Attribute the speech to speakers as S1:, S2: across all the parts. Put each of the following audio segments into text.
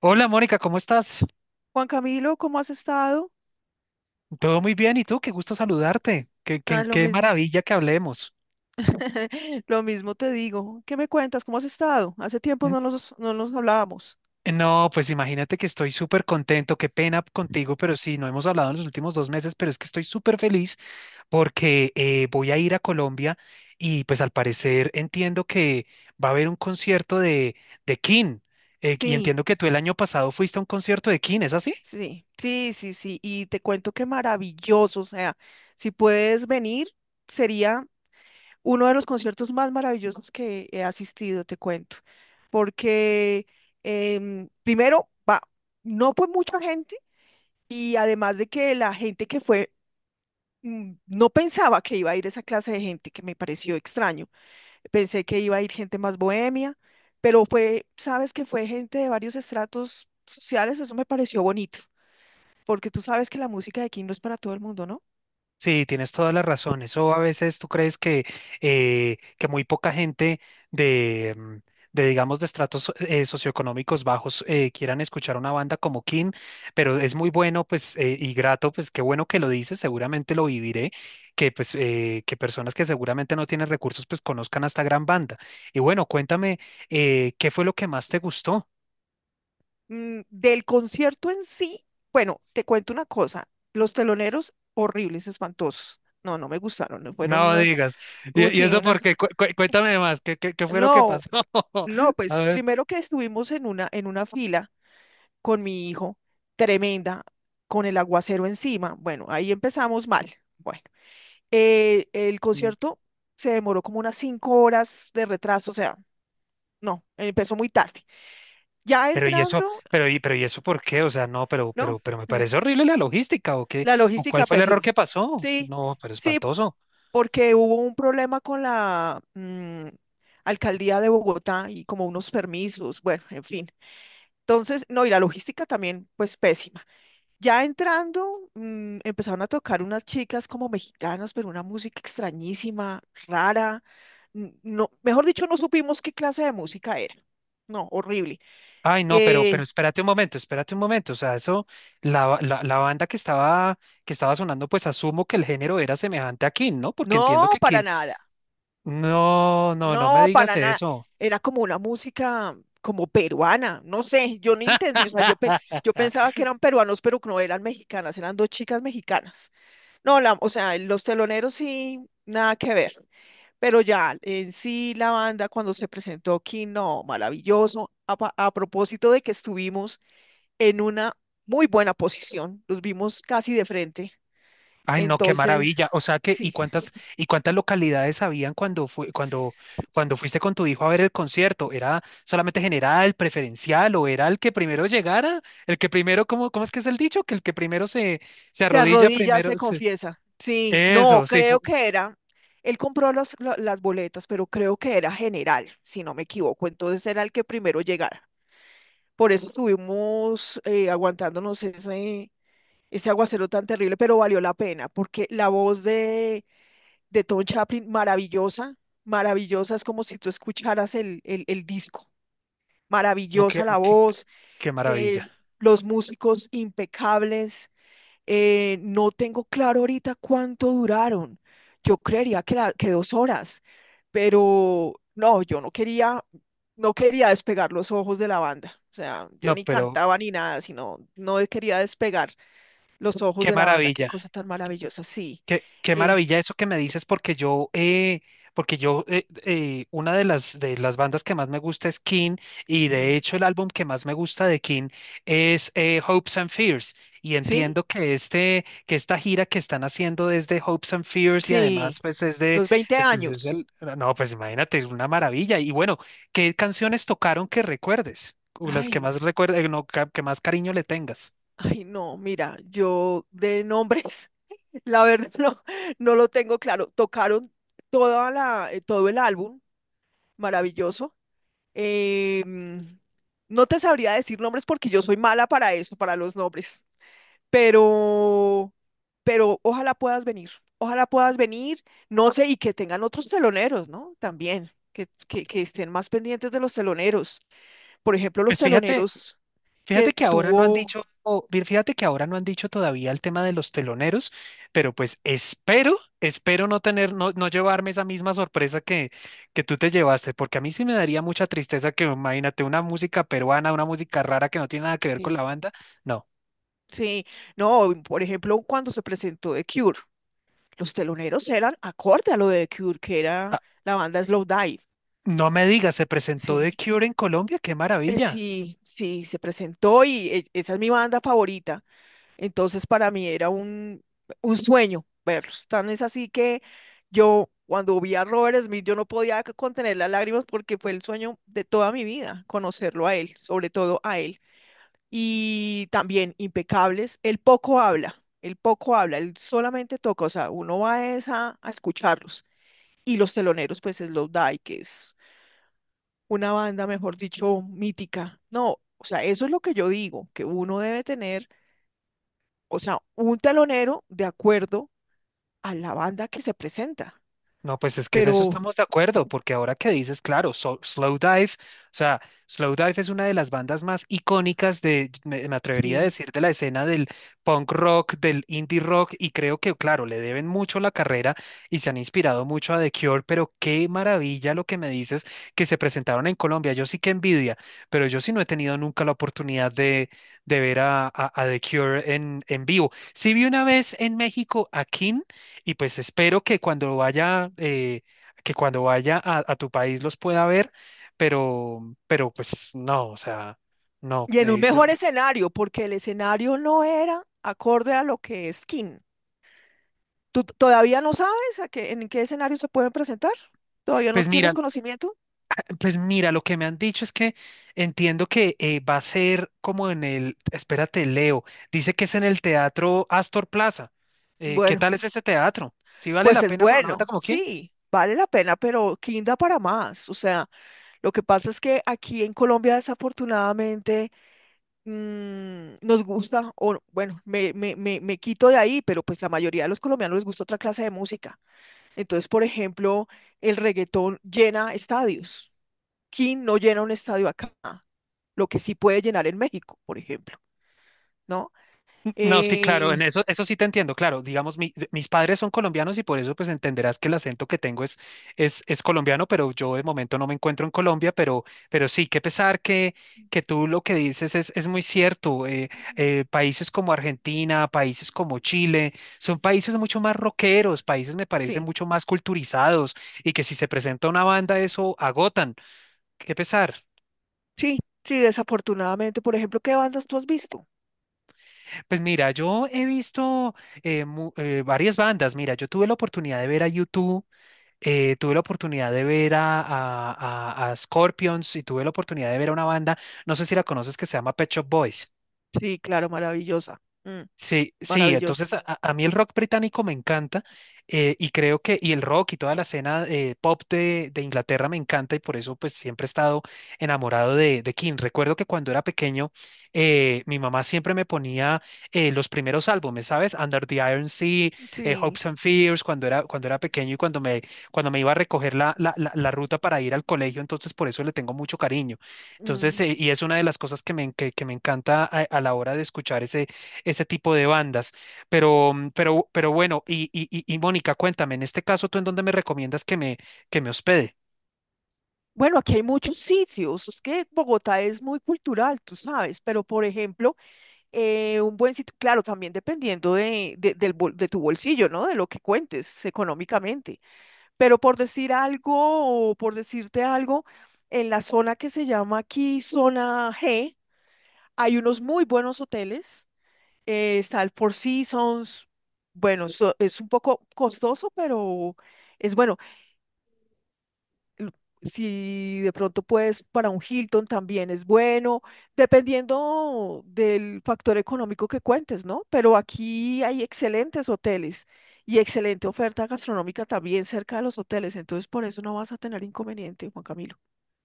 S1: Hola Mónica, ¿cómo estás?
S2: Juan Camilo, ¿cómo has estado?
S1: Todo muy bien, ¿y tú? Qué gusto saludarte. Qué, qué,
S2: Ah, lo
S1: qué
S2: mismo.
S1: maravilla que hablemos.
S2: Lo mismo te digo. ¿Qué me cuentas? ¿Cómo has estado? Hace tiempo
S1: Mm,
S2: no nos hablábamos.
S1: no, pues imagínate que estoy súper contento, qué pena contigo, pero sí, no hemos hablado en los últimos dos meses, pero es que estoy súper feliz porque voy a ir a Colombia y pues al parecer entiendo que va a haber un concierto de King, y
S2: Sí,
S1: entiendo que tú el año pasado fuiste a un concierto de King, ¿es así?
S2: sí, sí, sí, sí. Y te cuento que maravilloso. O sea, si puedes venir, sería uno de los conciertos más maravillosos que he asistido, te cuento. Porque primero, va, no fue mucha gente y además de que la gente que fue, no pensaba que iba a ir esa clase de gente, que me pareció extraño. Pensé que iba a ir gente más bohemia, pero fue, sabes que fue gente de varios estratos sociales, eso me pareció bonito, porque tú sabes que la música de aquí no es para todo el mundo, ¿no?
S1: Sí, tienes toda la razón. Eso a veces tú crees que muy poca gente de, mm, de digamos, de estratos socioeconómicos bajos quieran escuchar una banda como King, pero es muy bueno, pues, y grato, pues, qué bueno que lo dices, seguramente lo viviré, que, pues, que personas que seguramente no tienen recursos, pues, conozcan a esta gran banda. Y bueno, cuéntame, ¿qué fue lo que más te gustó?
S2: Mm, del concierto en sí, bueno, te cuento una cosa, los teloneros horribles, espantosos. No, no me gustaron, no fueron
S1: No
S2: unas,
S1: digas. Y
S2: sí,
S1: eso
S2: una,
S1: porque, cuéntame más, ¿qué fue lo que
S2: no,
S1: pasó?
S2: no,
S1: A
S2: pues
S1: ver.
S2: primero que estuvimos en una fila con mi hijo, tremenda, con el aguacero encima, bueno, ahí empezamos mal. Bueno. El concierto se demoró como unas cinco horas de retraso, o sea, no, empezó muy tarde. Ya
S1: Pero y eso,
S2: entrando,
S1: pero y eso ¿por qué? O sea, no,
S2: no,
S1: pero me
S2: la,
S1: parece horrible la logística, ¿o qué?
S2: la
S1: ¿O cuál
S2: logística
S1: fue el error
S2: pésima.
S1: que pasó?
S2: Sí,
S1: No, pero
S2: sí,
S1: espantoso.
S2: porque hubo un problema con la alcaldía de Bogotá y como unos permisos, bueno, en fin. Entonces, no, y la logística también, pues pésima. Ya entrando, empezaron a tocar unas chicas como mexicanas, pero una música extrañísima, rara. No, mejor dicho, no supimos qué clase de música era. No, horrible.
S1: Ay, no, pero
S2: Eh,
S1: espérate un momento, espérate un momento. O sea, eso, la banda que estaba sonando, pues asumo que el género era semejante a King, ¿no? Porque entiendo
S2: no,
S1: que King.
S2: para nada.
S1: No me
S2: No,
S1: digas
S2: para nada.
S1: eso.
S2: Era como una música como peruana. No sé, yo no entendí. O sea, yo, yo pensaba que eran peruanos, pero no eran mexicanas, eran dos chicas mexicanas. No, la, o sea, los teloneros sí, nada que ver. Pero ya, en sí la banda cuando se presentó aquí, no, maravilloso. A, a propósito de que estuvimos en una muy buena posición, los vimos casi de frente.
S1: Ay, no, qué
S2: Entonces,
S1: maravilla. O sea que,
S2: sí,
S1: ¿y cuántas localidades habían cuando fue, cuando, cuando fuiste con tu hijo a ver el concierto? ¿Era solamente general, preferencial, o era el que primero llegara? El que primero, ¿cómo es que es el dicho? Que el que primero se, se
S2: se
S1: arrodilla
S2: arrodilla,
S1: primero.
S2: se confiesa. Sí, no,
S1: Eso, sí,
S2: creo que era, él compró las boletas, pero creo que era general, si no me equivoco. Entonces era el que primero llegara. Por eso estuvimos aguantándonos ese aguacero tan terrible, pero valió la pena, porque la voz de Tom Chaplin, maravillosa, maravillosa, es como si tú escucharas el disco,
S1: no,
S2: maravillosa la voz,
S1: qué maravilla.
S2: eh, los músicos impecables, no tengo claro ahorita cuánto duraron, yo creería que, que dos horas, pero no, yo no quería, no quería despegar los ojos de la banda. O sea, yo
S1: No,
S2: ni
S1: pero
S2: cantaba ni nada, sino no quería despegar los ojos
S1: qué
S2: de la banda. Qué
S1: maravilla.
S2: cosa tan maravillosa. Sí.
S1: Qué
S2: eh,
S1: maravilla eso que me dices, porque yo, una de las bandas que más me gusta es King, y de
S2: mm,
S1: hecho el álbum que más me gusta de King es Hopes and Fears, y
S2: sí,
S1: entiendo que que esta gira que están haciendo es de Hopes and Fears, y
S2: sí.
S1: además pues es de,
S2: Los 20
S1: pues es
S2: años.
S1: el, no, pues imagínate, una maravilla, y bueno, ¿qué canciones tocaron que recuerdes? O las que
S2: Ay,
S1: más recuerdes, no, que más cariño le tengas.
S2: ay, no, mira, yo de nombres, la verdad no, no lo tengo claro. Tocaron toda la, todo el álbum, maravilloso. Eh, mm, no te sabría decir nombres porque yo soy mala para eso, para los nombres, pero, pero ojalá puedas venir, no sé, y que tengan otros teloneros, ¿no? También, que estén más pendientes de los teloneros. Por ejemplo, los
S1: Pues fíjate,
S2: teloneros
S1: fíjate
S2: que
S1: que ahora no han
S2: tuvo.
S1: dicho, o bien, fíjate que ahora no han dicho todavía el tema de los teloneros, pero pues espero, espero no tener, no llevarme esa misma sorpresa que tú te llevaste, porque a mí sí me daría mucha tristeza que, imagínate, una música peruana, una música rara que no tiene nada que ver con la
S2: Sí,
S1: banda. No,
S2: sí. No, por ejemplo, cuando se presentó The Cure, los teloneros eran acorde a lo de The Cure, que era
S1: ah,
S2: la banda Slowdive.
S1: no me digas, se presentó The
S2: Sí,
S1: Cure en Colombia, qué maravilla.
S2: sí, sí, se presentó y esa es mi banda favorita. Entonces, para mí era un sueño verlos. Tan es así que yo, cuando vi a Robert Smith, yo no podía contener las lágrimas porque fue el sueño de toda mi vida, conocerlo a él, sobre todo a él. Y también impecables. Él poco habla, él poco habla, él solamente toca, o sea, uno va es a escucharlos. Y los teloneros, pues es Slowdive, que es una banda, mejor dicho, mítica. No, o sea, eso es lo que yo digo, que uno debe tener, o sea, un telonero de acuerdo a la banda que se presenta.
S1: No, pues es que en eso
S2: Pero
S1: estamos de acuerdo, porque ahora que dices, claro, Slow Dive, o sea, Slow Dive es una de las bandas más icónicas de, me atrevería a
S2: sí,
S1: decir, de la escena del punk rock, del indie rock, y creo que, claro, le deben mucho la carrera y se han inspirado mucho a The Cure, pero qué maravilla lo que me dices que se presentaron en Colombia. Yo sí que envidia, pero yo sí no he tenido nunca la oportunidad de ver a The Cure en vivo. Sí vi una vez en México a King y pues espero que cuando vaya a tu país los pueda ver, pero pues no, o sea, no.
S2: y en un mejor escenario, porque el escenario no era acorde a lo que es King. ¿Tú todavía no sabes a qué, en qué escenario se pueden presentar? ¿Todavía no
S1: Pues mira,
S2: tienes conocimiento?
S1: pues mira, lo que me han dicho es que entiendo que va a ser como en el, espérate, Leo, dice que es en el Teatro Astor Plaza. ¿Qué
S2: Bueno,
S1: tal es este teatro? ¿Sí vale
S2: pues
S1: la
S2: es
S1: pena para una banda
S2: bueno,
S1: como quién?
S2: sí, vale la pena, pero quinda para más. O sea, lo que pasa es que aquí en Colombia desafortunadamente nos gusta, o bueno, me quito de ahí, pero pues la mayoría de los colombianos les gusta otra clase de música. Entonces, por ejemplo, el reggaetón llena estadios. King no llena un estadio acá, lo que sí puede llenar en México, por ejemplo. ¿No?
S1: No, sí, claro, en
S2: Eh,
S1: eso, eso sí te entiendo, claro. Digamos, mis padres son colombianos y por eso pues entenderás que el acento que tengo es colombiano, pero yo de momento no me encuentro en Colombia, pero sí, qué pesar que tú lo que dices es muy cierto. Países como Argentina, países como Chile, son países mucho más rockeros, países me parecen
S2: sí,
S1: mucho más culturizados y que si se presenta una banda eso agotan. Qué pesar.
S2: sí, sí, desafortunadamente. Por ejemplo, ¿qué bandas tú has visto?
S1: Pues mira, yo he visto varias bandas. Mira, yo tuve la oportunidad de ver a YouTube, tuve la oportunidad de ver a Scorpions y tuve la oportunidad de ver a una banda, no sé si la conoces, que se llama Pet Shop Boys.
S2: Sí, claro, maravillosa. Mm,
S1: Sí, sí,
S2: maravillosa.
S1: entonces a mí el rock británico me encanta, y creo que, y el rock y toda la escena pop de Inglaterra me encanta y por eso pues siempre he estado enamorado de King. Recuerdo que cuando era pequeño mi mamá siempre me ponía, los primeros álbumes, ¿sabes? Under the Iron Sea,
S2: Sí.
S1: Hopes and Fears, cuando era pequeño y cuando me iba a recoger la ruta para ir al colegio, entonces por eso le tengo mucho cariño. Entonces,
S2: Mm.
S1: y es una de las cosas que me encanta a la hora de escuchar ese tipo de bandas. Pero, mm, pero bueno, y Mónica, cuéntame, en este caso, ¿tú en dónde me recomiendas que me hospede?
S2: Bueno, aquí hay muchos sitios. Es que Bogotá es muy cultural, tú sabes, pero por ejemplo, un buen sitio, claro, también dependiendo de, del de tu bolsillo, ¿no? De lo que cuentes económicamente. Pero por decir algo, o por decirte algo, en la zona que se llama aquí zona G, hay unos muy buenos hoteles. Está el Four Seasons. Bueno, es un poco costoso, pero es bueno. Si de pronto puedes, para un Hilton también es bueno, dependiendo del factor económico que cuentes, ¿no? Pero aquí hay excelentes hoteles y excelente oferta gastronómica también cerca de los hoteles, entonces por eso no vas a tener inconveniente, Juan Camilo.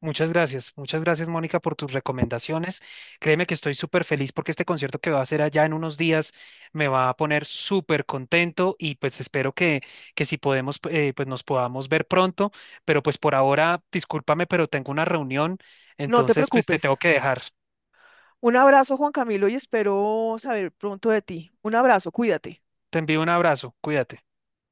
S1: Muchas gracias Mónica por tus recomendaciones. Créeme que estoy súper feliz porque este concierto que va a hacer allá en unos días me va a poner súper contento y pues espero que si podemos, pues nos podamos ver pronto, pero pues por ahora, discúlpame, pero tengo una reunión,
S2: No te
S1: entonces pues te tengo
S2: preocupes.
S1: que dejar.
S2: Un abrazo, Juan Camilo, y espero saber pronto de ti. Un abrazo, cuídate.
S1: Te envío un abrazo, cuídate.